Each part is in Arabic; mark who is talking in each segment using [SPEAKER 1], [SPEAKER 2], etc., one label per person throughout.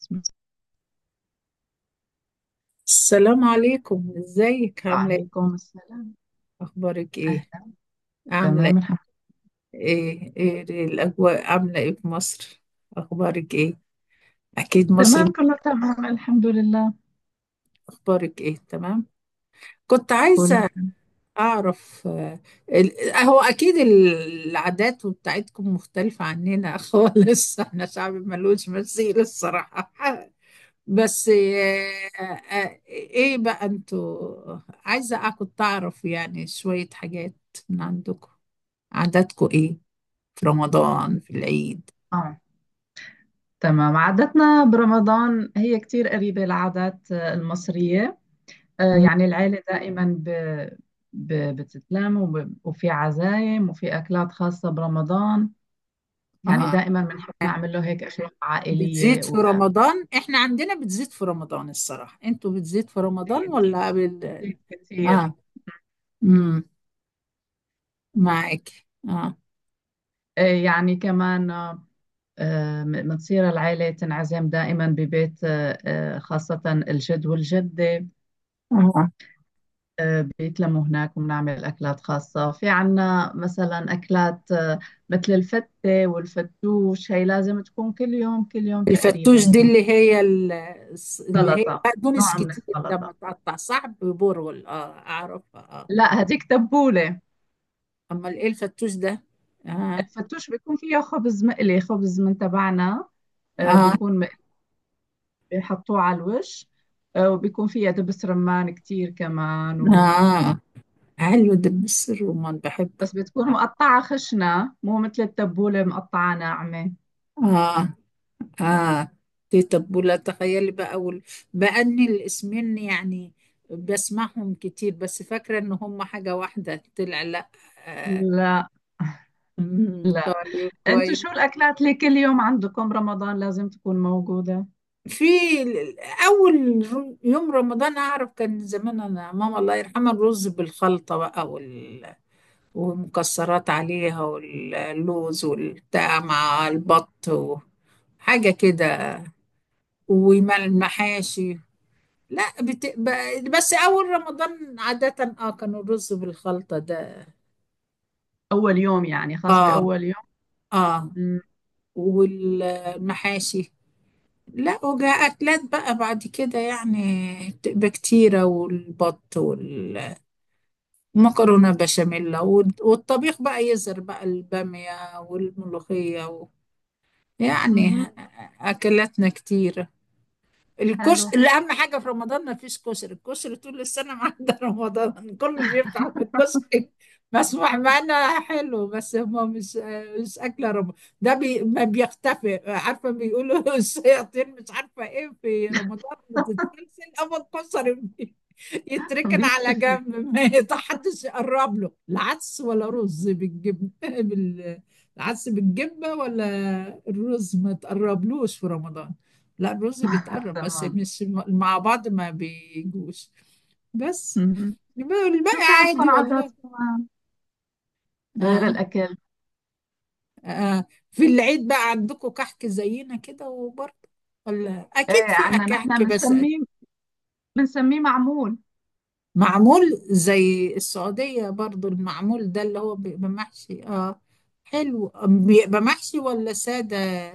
[SPEAKER 1] اسم-
[SPEAKER 2] السلام عليكم، ازيك؟ عاملة ايه؟
[SPEAKER 1] وعليكم السلام.
[SPEAKER 2] اخبارك ايه؟
[SPEAKER 1] أهلا.
[SPEAKER 2] عاملة
[SPEAKER 1] تمام الحمد
[SPEAKER 2] ايه؟ الاجواء عاملة ايه في مصر؟ اخبارك ايه؟ اكيد مصر.
[SPEAKER 1] تمام، كله تمام. الحمد لله،
[SPEAKER 2] اخبارك ايه؟ تمام. كنت
[SPEAKER 1] كله
[SPEAKER 2] عايزة
[SPEAKER 1] تمام.
[SPEAKER 2] اعرف هو اكيد العادات بتاعتكم مختلفة عننا خالص. احنا شعب ملوش مثيل الصراحة. بس ايه بقى انتوا؟ عايزة كنت اعرف يعني شوية حاجات من عندكم. عاداتكم ايه في رمضان، في العيد؟
[SPEAKER 1] آه، تمام. عاداتنا برمضان هي كتير قريبة العادات المصرية.
[SPEAKER 2] مم.
[SPEAKER 1] يعني العيلة دائما بتتلم، وفي عزايم وفي أكلات خاصة برمضان. يعني
[SPEAKER 2] اه،
[SPEAKER 1] دائما بنحب نعمل له هيك أشياء
[SPEAKER 2] بتزيد
[SPEAKER 1] عائلية
[SPEAKER 2] في
[SPEAKER 1] وده.
[SPEAKER 2] رمضان. احنا عندنا بتزيد في رمضان الصراحة، انتوا بتزيد في رمضان
[SPEAKER 1] بتزيد،
[SPEAKER 2] ولا
[SPEAKER 1] بتزيد كتير.
[SPEAKER 2] اه. امم معاك اه.
[SPEAKER 1] يعني كمان، بتصير العائلة تنعزم دائما ببيت خاصة الجد والجدة.
[SPEAKER 2] اه
[SPEAKER 1] بيتلموا هناك، وبنعمل أكلات خاصة. في عنا مثلا أكلات مثل الفتة والفتوش، هي لازم تكون كل يوم كل يوم تقريبا
[SPEAKER 2] الفتوش دي
[SPEAKER 1] برمضان.
[SPEAKER 2] اللي هي اللي هي
[SPEAKER 1] سلطة،
[SPEAKER 2] بقدونس
[SPEAKER 1] نوع من
[SPEAKER 2] كتير لما
[SPEAKER 1] السلطة.
[SPEAKER 2] تقطع، صح؟ ببرغل، اه اعرفها اه.
[SPEAKER 1] لا، هديك تبولة.
[SPEAKER 2] امال ايه الفتوش ده؟ اه
[SPEAKER 1] الفتوش بيكون فيه خبز مقلي، خبز من تبعنا
[SPEAKER 2] اه
[SPEAKER 1] بيكون مقلي، بيحطوه على الوش. وبيكون فيها دبس رمان كتير كمان.
[SPEAKER 2] اه. حلو ده، بالسر رمان بحبه.
[SPEAKER 1] بس بتكون مقطعة خشنة، مو مثل التبولة مقطعة ناعمة.
[SPEAKER 2] اه، آه، دي تبولة، تخيلي بقى. بأني الاسمين يعني بسمعهم كتير، بس فاكرة إن هم حاجة واحدة، طلع لا. آه.
[SPEAKER 1] لا،
[SPEAKER 2] مم،
[SPEAKER 1] لا.
[SPEAKER 2] طيب،
[SPEAKER 1] انتو
[SPEAKER 2] كويس.
[SPEAKER 1] شو الأكلات اللي كل يوم عندكم رمضان لازم تكون موجودة؟
[SPEAKER 2] في أول يوم رمضان أعرف كان زمان أنا، ماما الله يرحمها، الرز بالخلطة بقى ومكسرات عليها واللوز والبتاع، مع البط وحاجة كده، والمحاشي. لا بس أول رمضان عادة اه كان الرز بالخلطة ده.
[SPEAKER 1] أول يوم، يعني خاص
[SPEAKER 2] اه
[SPEAKER 1] بأول يوم.
[SPEAKER 2] اه،
[SPEAKER 1] مم.
[SPEAKER 2] والمحاشي. لا، وجاء أكلات بقى بعد كده يعني، تبقى كتيرة: والبط، والمكرونة بشاميل، والطبيخ بقى يزر بقى، البامية والملوخية و...
[SPEAKER 1] مهم.
[SPEAKER 2] يعني أكلاتنا كتيرة.
[SPEAKER 1] حلو.
[SPEAKER 2] الكشري اللي اهم حاجه في رمضان، ما فيش كشري. الكشري طول السنه ما عدا رمضان، كله بيفتح على الكشري مسموح. معانا حلو، بس هم مش مش اكله رمضان ده. بي ما بيختفي، عارفه؟ بيقولوا الشياطين مش عارفه ايه في رمضان بتتسلسل، اما الكشري يتركن على
[SPEAKER 1] بيختفي.
[SPEAKER 2] جنب، ما حدش يقرب له، لا عدس ولا رز بالجبن العدس بالجبه، ولا الرز ما تقربلوش في رمضان. لا الرز بيتقرب، بس
[SPEAKER 1] تمام.
[SPEAKER 2] مش مع بعض، ما بيجوش بس.
[SPEAKER 1] مهم.
[SPEAKER 2] يبقى
[SPEAKER 1] شو
[SPEAKER 2] الباقي
[SPEAKER 1] في
[SPEAKER 2] عادي
[SPEAKER 1] عندكم عادات
[SPEAKER 2] والله.
[SPEAKER 1] كمان غير
[SPEAKER 2] آه،
[SPEAKER 1] الأكل؟
[SPEAKER 2] آه، في العيد بقى عندكم كحك زينا كده وبرضه؟ ولا
[SPEAKER 1] ايه،
[SPEAKER 2] اكيد في
[SPEAKER 1] عنا نحن
[SPEAKER 2] كحك بس؟
[SPEAKER 1] بنسميه، بنسميه معمول.
[SPEAKER 2] معمول؟ زي السعودية برضه، المعمول ده اللي هو بيبقى محشي، اه؟ حلو. بيبقى محشي ولا سادة؟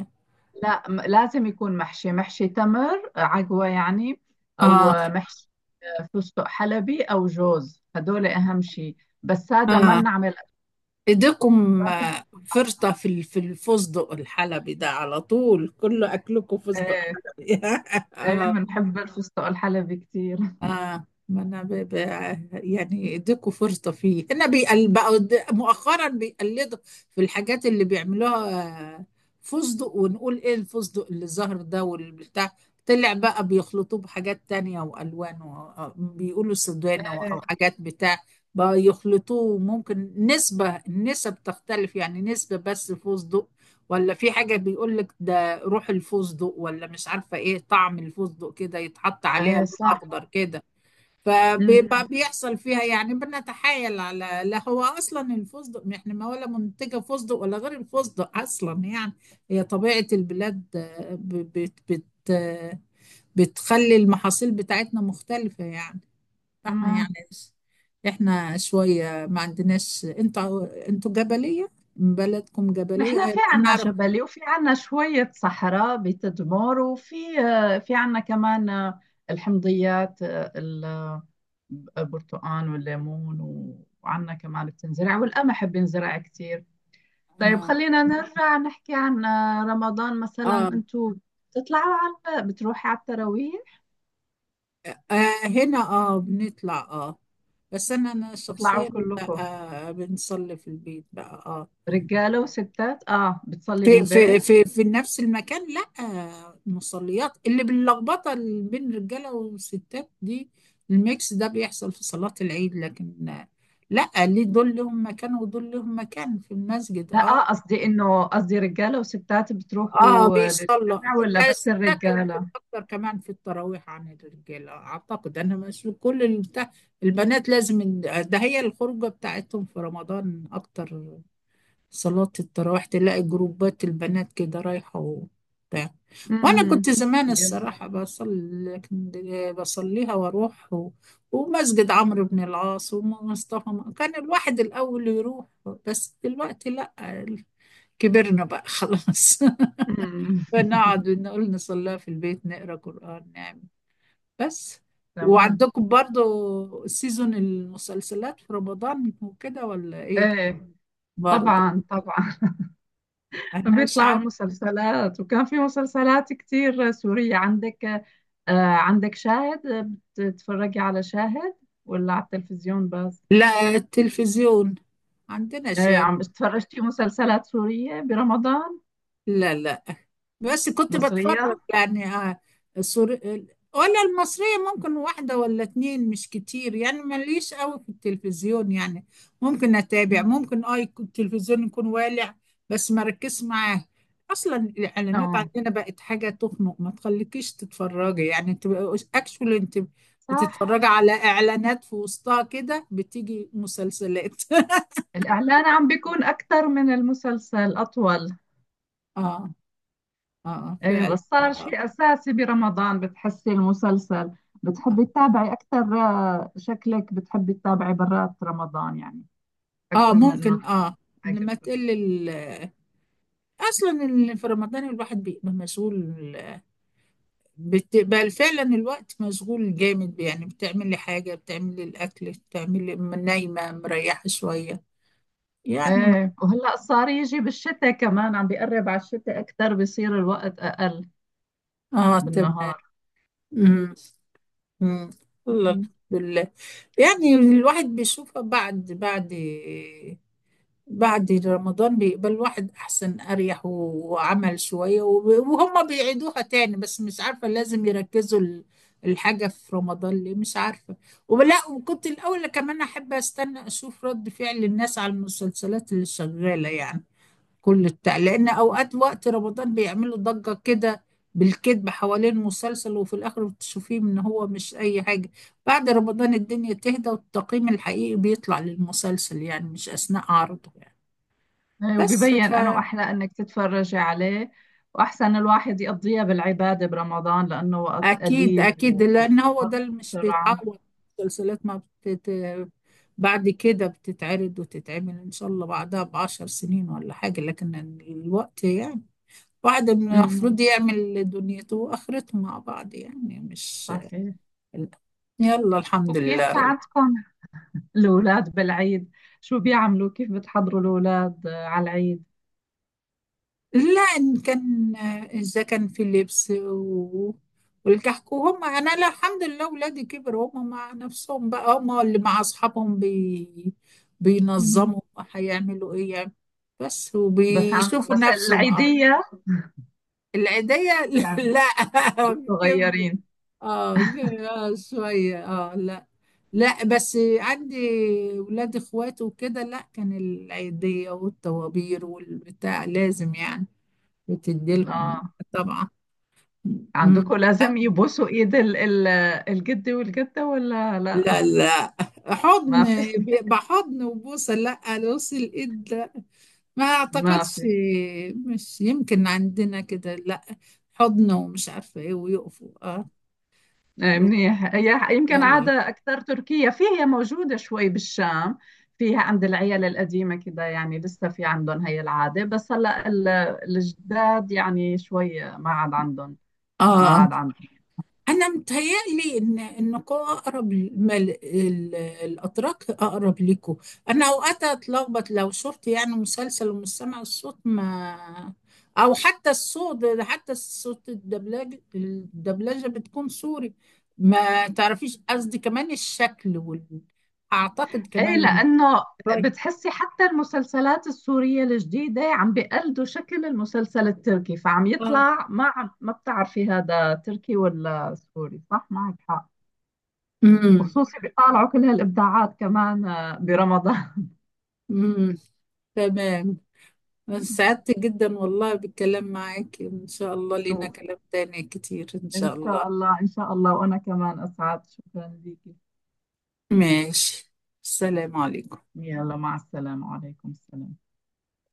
[SPEAKER 1] لا، لازم يكون محشي، محشي تمر عجوة يعني، أو
[SPEAKER 2] اه
[SPEAKER 1] محشي فستق حلبي او جوز، هدول اهم شيء، بس هذا ما
[SPEAKER 2] اه.
[SPEAKER 1] بنعمل.
[SPEAKER 2] ايديكم
[SPEAKER 1] لازم يكون-
[SPEAKER 2] فرطة في الفستق الحلبي ده، على طول كله اكلكم فستق
[SPEAKER 1] ايه.
[SPEAKER 2] حلبي
[SPEAKER 1] ايه، بنحب الفستق الحلبي كثير.
[SPEAKER 2] آه ما أنا يعني اديكوا فرصة فيه، أنا بقوا مؤخرا بيقلدوا في الحاجات اللي بيعملوها. آه، فستق، ونقول إيه الفستق اللي ظهر ده والبتاع؟ طلع بقى بيخلطوه بحاجات تانية وألوان و... بيقولوا سدوانة أو
[SPEAKER 1] ايه،
[SPEAKER 2] حاجات بتاع بقى، يخلطوه ممكن نسبة، النسب تختلف يعني، نسبة بس فستق، ولا في حاجة. بيقول لك ده روح الفستق، ولا مش عارفة ايه، طعم الفستق كده، يتحط عليها
[SPEAKER 1] ايه
[SPEAKER 2] لون
[SPEAKER 1] صح.
[SPEAKER 2] اخضر كده.
[SPEAKER 1] أمم.
[SPEAKER 2] فبيبقى بيحصل فيها يعني بنتحايل على، لا هو اصلا الفستق ما احنا ما ولا منتجه فستق، ولا غير الفستق اصلا يعني. هي طبيعه البلاد بت آه، بتخلي المحاصيل بتاعتنا مختلفه يعني. فاحنا يعني
[SPEAKER 1] تمام.
[SPEAKER 2] احنا شويه ما عندناش، انتوا جبليه، بلدكم
[SPEAKER 1] نحن
[SPEAKER 2] جبليه،
[SPEAKER 1] في
[SPEAKER 2] أيوة،
[SPEAKER 1] عنا
[SPEAKER 2] نعرف.
[SPEAKER 1] جبلي وفي عنا شوية صحراء بتدمر، وفي عنا كمان الحمضيات، البرتقال والليمون، وعنا كمان بتنزرع، والقمح بينزرع كتير. طيب
[SPEAKER 2] اه،
[SPEAKER 1] خلينا نرجع نحكي عن رمضان. مثلا
[SPEAKER 2] آه.
[SPEAKER 1] انتوا بتطلعوا على بتروحوا على التراويح؟
[SPEAKER 2] آه، هنا اه بنطلع اه، بس انا
[SPEAKER 1] بتطلعوا
[SPEAKER 2] شخصيا لا.
[SPEAKER 1] كلكم
[SPEAKER 2] آه، بنصلي في البيت بقى اه.
[SPEAKER 1] رجاله وستات، اه بتصلي بالبيت؟
[SPEAKER 2] في نفس المكان؟ لا، آه، مصليات اللي باللخبطه اللي بين الرجاله والستات دي، الميكس ده، بيحصل في صلاة العيد، لكن آه لا، ليه؟ دول لهم مكان ودول لهم مكان في المسجد
[SPEAKER 1] لا
[SPEAKER 2] اه.
[SPEAKER 1] اه، قصدي رجاله وستات
[SPEAKER 2] اه
[SPEAKER 1] بتروحوا
[SPEAKER 2] بيصلى.
[SPEAKER 1] للجامع ولا
[SPEAKER 2] ده
[SPEAKER 1] بس
[SPEAKER 2] الستات يمكن
[SPEAKER 1] الرجاله؟
[SPEAKER 2] اكتر كمان في التراويح عن الرجاله، اعتقد انا، مش كل البتاع. البنات لازم ده هي الخروجه بتاعتهم في رمضان، اكتر. صلاه التراويح تلاقي جروبات البنات كده رايحه وبتاع. وانا
[SPEAKER 1] امم
[SPEAKER 2] كنت زمان
[SPEAKER 1] جميل.
[SPEAKER 2] الصراحه بصلي، لكن بصليها واروح و... ومسجد عمرو بن العاص ومصطفى، كان الواحد الاول يروح. بس دلوقتي لا، كبرنا بقى خلاص
[SPEAKER 1] امم
[SPEAKER 2] بنقعد نقول نصليها في البيت، نقرا قرآن، نعمل. بس
[SPEAKER 1] تمام.
[SPEAKER 2] وعندكم برضو سيزون المسلسلات في رمضان وكده، ولا ايه؟
[SPEAKER 1] ايه،
[SPEAKER 2] برضو.
[SPEAKER 1] طبعا طبعا.
[SPEAKER 2] انا مش
[SPEAKER 1] بيطلعوا
[SPEAKER 2] عارف.
[SPEAKER 1] مسلسلات، وكان في مسلسلات كتير سورية. عندك عندك شاهد؟ بتتفرجي على شاهد ولا على التلفزيون بس؟
[SPEAKER 2] لا، التلفزيون عندنا شيء.
[SPEAKER 1] عم تفرجتي مسلسلات سورية برمضان؟
[SPEAKER 2] لا لا، بس كنت
[SPEAKER 1] مصرية.
[SPEAKER 2] بتفرج يعني، السور... ولا المصرية، ممكن واحدة ولا اتنين، مش كتير يعني. ماليش قوي في التلفزيون يعني، ممكن أتابع،
[SPEAKER 1] مم.
[SPEAKER 2] ممكن اه يكون التلفزيون يكون والع، بس ما ركز معاه. أصلا الإعلانات
[SPEAKER 1] اه
[SPEAKER 2] عندنا بقت حاجة تخنق، ما تخليكيش تتفرجي يعني. انت أكشولي انت
[SPEAKER 1] صح.
[SPEAKER 2] بتتفرجي على إعلانات، في وسطها كده بتيجي مسلسلات
[SPEAKER 1] الإعلان عم بيكون أكثر من المسلسل، أطول.
[SPEAKER 2] اه اه
[SPEAKER 1] إيه،
[SPEAKER 2] فعلا.
[SPEAKER 1] بس صار
[SPEAKER 2] اه،
[SPEAKER 1] شيء أساسي برمضان، بتحسي المسلسل بتحبي تتابعي أكثر، شكلك بتحبي تتابعي برات رمضان يعني أكثر من إنه
[SPEAKER 2] ممكن اه،
[SPEAKER 1] حاجة.
[SPEAKER 2] لما تقل. اصلا اللي في رمضان الواحد بيبقى مسؤول، بتبقى فعلا الوقت مشغول جامد يعني، بتعمل لي حاجه، بتعمل لي الاكل، بتعمل لي نايمه مريحه شويه يعني.
[SPEAKER 1] ايه، وهلا صار يجي بالشتاء كمان، عم بيقرب على الشتاء، اكثر بيصير الوقت اقل
[SPEAKER 2] اه تمام.
[SPEAKER 1] بالنهار.
[SPEAKER 2] أمم، أمم. الله،
[SPEAKER 1] مهم.
[SPEAKER 2] الحمد لله. يعني الواحد بيشوفها بعد بعد، بعد رمضان بيقبل واحد أحسن، أريح، وعمل شوية، وهم بيعيدوها تاني، بس مش عارفة لازم يركزوا الحاجة في رمضان ليه، مش عارفة. ولا وكنت الأول كمان أحب أستنى أشوف رد فعل الناس على المسلسلات اللي شغالة يعني، لأن أوقات وقت رمضان بيعملوا ضجة كده بالكذب حوالين مسلسل، وفي الآخر بتشوفيه إن هو مش أي حاجة. بعد رمضان الدنيا تهدى، والتقييم الحقيقي بيطلع للمسلسل يعني، مش أثناء عرضه يعني.
[SPEAKER 1] ايه،
[SPEAKER 2] بس
[SPEAKER 1] وبيبين انه احلى انك تتفرجي عليه، واحسن الواحد يقضيها بالعبادة برمضان لانه وقت
[SPEAKER 2] فأكيد
[SPEAKER 1] قليل
[SPEAKER 2] أكيد، لأن هو
[SPEAKER 1] ومر
[SPEAKER 2] ده اللي مش
[SPEAKER 1] بسرعة.
[SPEAKER 2] بيتعوض. المسلسلات ما بتت... بعد كده بتتعرض وتتعمل إن شاء الله بعدها بعشر سنين ولا حاجة، لكن الوقت يعني، واحد
[SPEAKER 1] امم
[SPEAKER 2] المفروض يعمل دنيته وآخرته مع بعض يعني، مش.
[SPEAKER 1] صحيح.
[SPEAKER 2] يلا الحمد
[SPEAKER 1] وكيف
[SPEAKER 2] لله.
[SPEAKER 1] عندكم الاولاد بالعيد؟ شو بيعملوا، كيف بتحضروا الاولاد على العيد؟
[SPEAKER 2] لا إن كان، إذا كان في اللبس و... والكحك وهم، أنا لا الحمد لله ولادي كبروا، هم مع نفسهم بقى، هم اللي مع أصحابهم
[SPEAKER 1] مهم.
[SPEAKER 2] بينظموا هيعملوا إيه يعني. بس
[SPEAKER 1] بس عن
[SPEAKER 2] وبيشوفوا
[SPEAKER 1] بس
[SPEAKER 2] نفسهم اه.
[SPEAKER 1] العيدية
[SPEAKER 2] العيدية
[SPEAKER 1] يعني.
[SPEAKER 2] لا كبروا.
[SPEAKER 1] صغيرين.
[SPEAKER 2] اه شوية اه لا. لا بس عندي ولاد اخوات وكده، لا كان العيدية والطوابير والبتاع لازم يعني، بتديلهم.
[SPEAKER 1] اه،
[SPEAKER 2] طبعا. مم.
[SPEAKER 1] عندكم لازم يبوسوا ايد الجد والجدة ولا لا؟
[SPEAKER 2] لا لا، حضن.
[SPEAKER 1] ما في.
[SPEAKER 2] بيبقى حضن وبوسه، لا بوس الايد لا، ما
[SPEAKER 1] ما
[SPEAKER 2] اعتقدش.
[SPEAKER 1] في.
[SPEAKER 2] مش يمكن عندنا كده، لا، حضن ومش عارفه ايه ويقفوا اه.
[SPEAKER 1] إيه،
[SPEAKER 2] الله،
[SPEAKER 1] منيح. هي يمكن
[SPEAKER 2] يلا
[SPEAKER 1] عادة أكثر تركية، فيها موجودة شوي بالشام، فيها عند العيال القديمة كده، يعني لسه في عندهم هي العادة، بس هلا الجداد يعني شوي ما عاد عندهم، ما
[SPEAKER 2] اه.
[SPEAKER 1] عاد عندهم.
[SPEAKER 2] انا متهيألي ان انكم اقرب ما الاتراك اقرب لكم. انا اوقات اتلخبط لو شفت يعني مسلسل ومش سامع الصوت، ما، او حتى الصوت، حتى الصوت، الدبلجه، الدبلجه بتكون سوري، ما تعرفيش قصدي، كمان الشكل اعتقد
[SPEAKER 1] ايه،
[SPEAKER 2] كمان.
[SPEAKER 1] لانه
[SPEAKER 2] رايك؟
[SPEAKER 1] بتحسي حتى المسلسلات السورية الجديدة عم بيقلدوا شكل المسلسل التركي، فعم
[SPEAKER 2] اه.
[SPEAKER 1] يطلع، ما عم ما بتعرفي هذا تركي ولا سوري. صح معك حق.
[SPEAKER 2] امم،
[SPEAKER 1] خصوصي بيطلعوا كل هالابداعات كمان برمضان.
[SPEAKER 2] امم. تمام. سعدت جدا والله بالكلام معاك، ان شاء الله لينا كلام تاني كتير ان
[SPEAKER 1] ان
[SPEAKER 2] شاء الله.
[SPEAKER 1] شاء الله، ان شاء الله. وانا كمان اسعد، شكرا ليكي.
[SPEAKER 2] ماشي، السلام عليكم.
[SPEAKER 1] يلا مع السلامة، وعليكم السلام.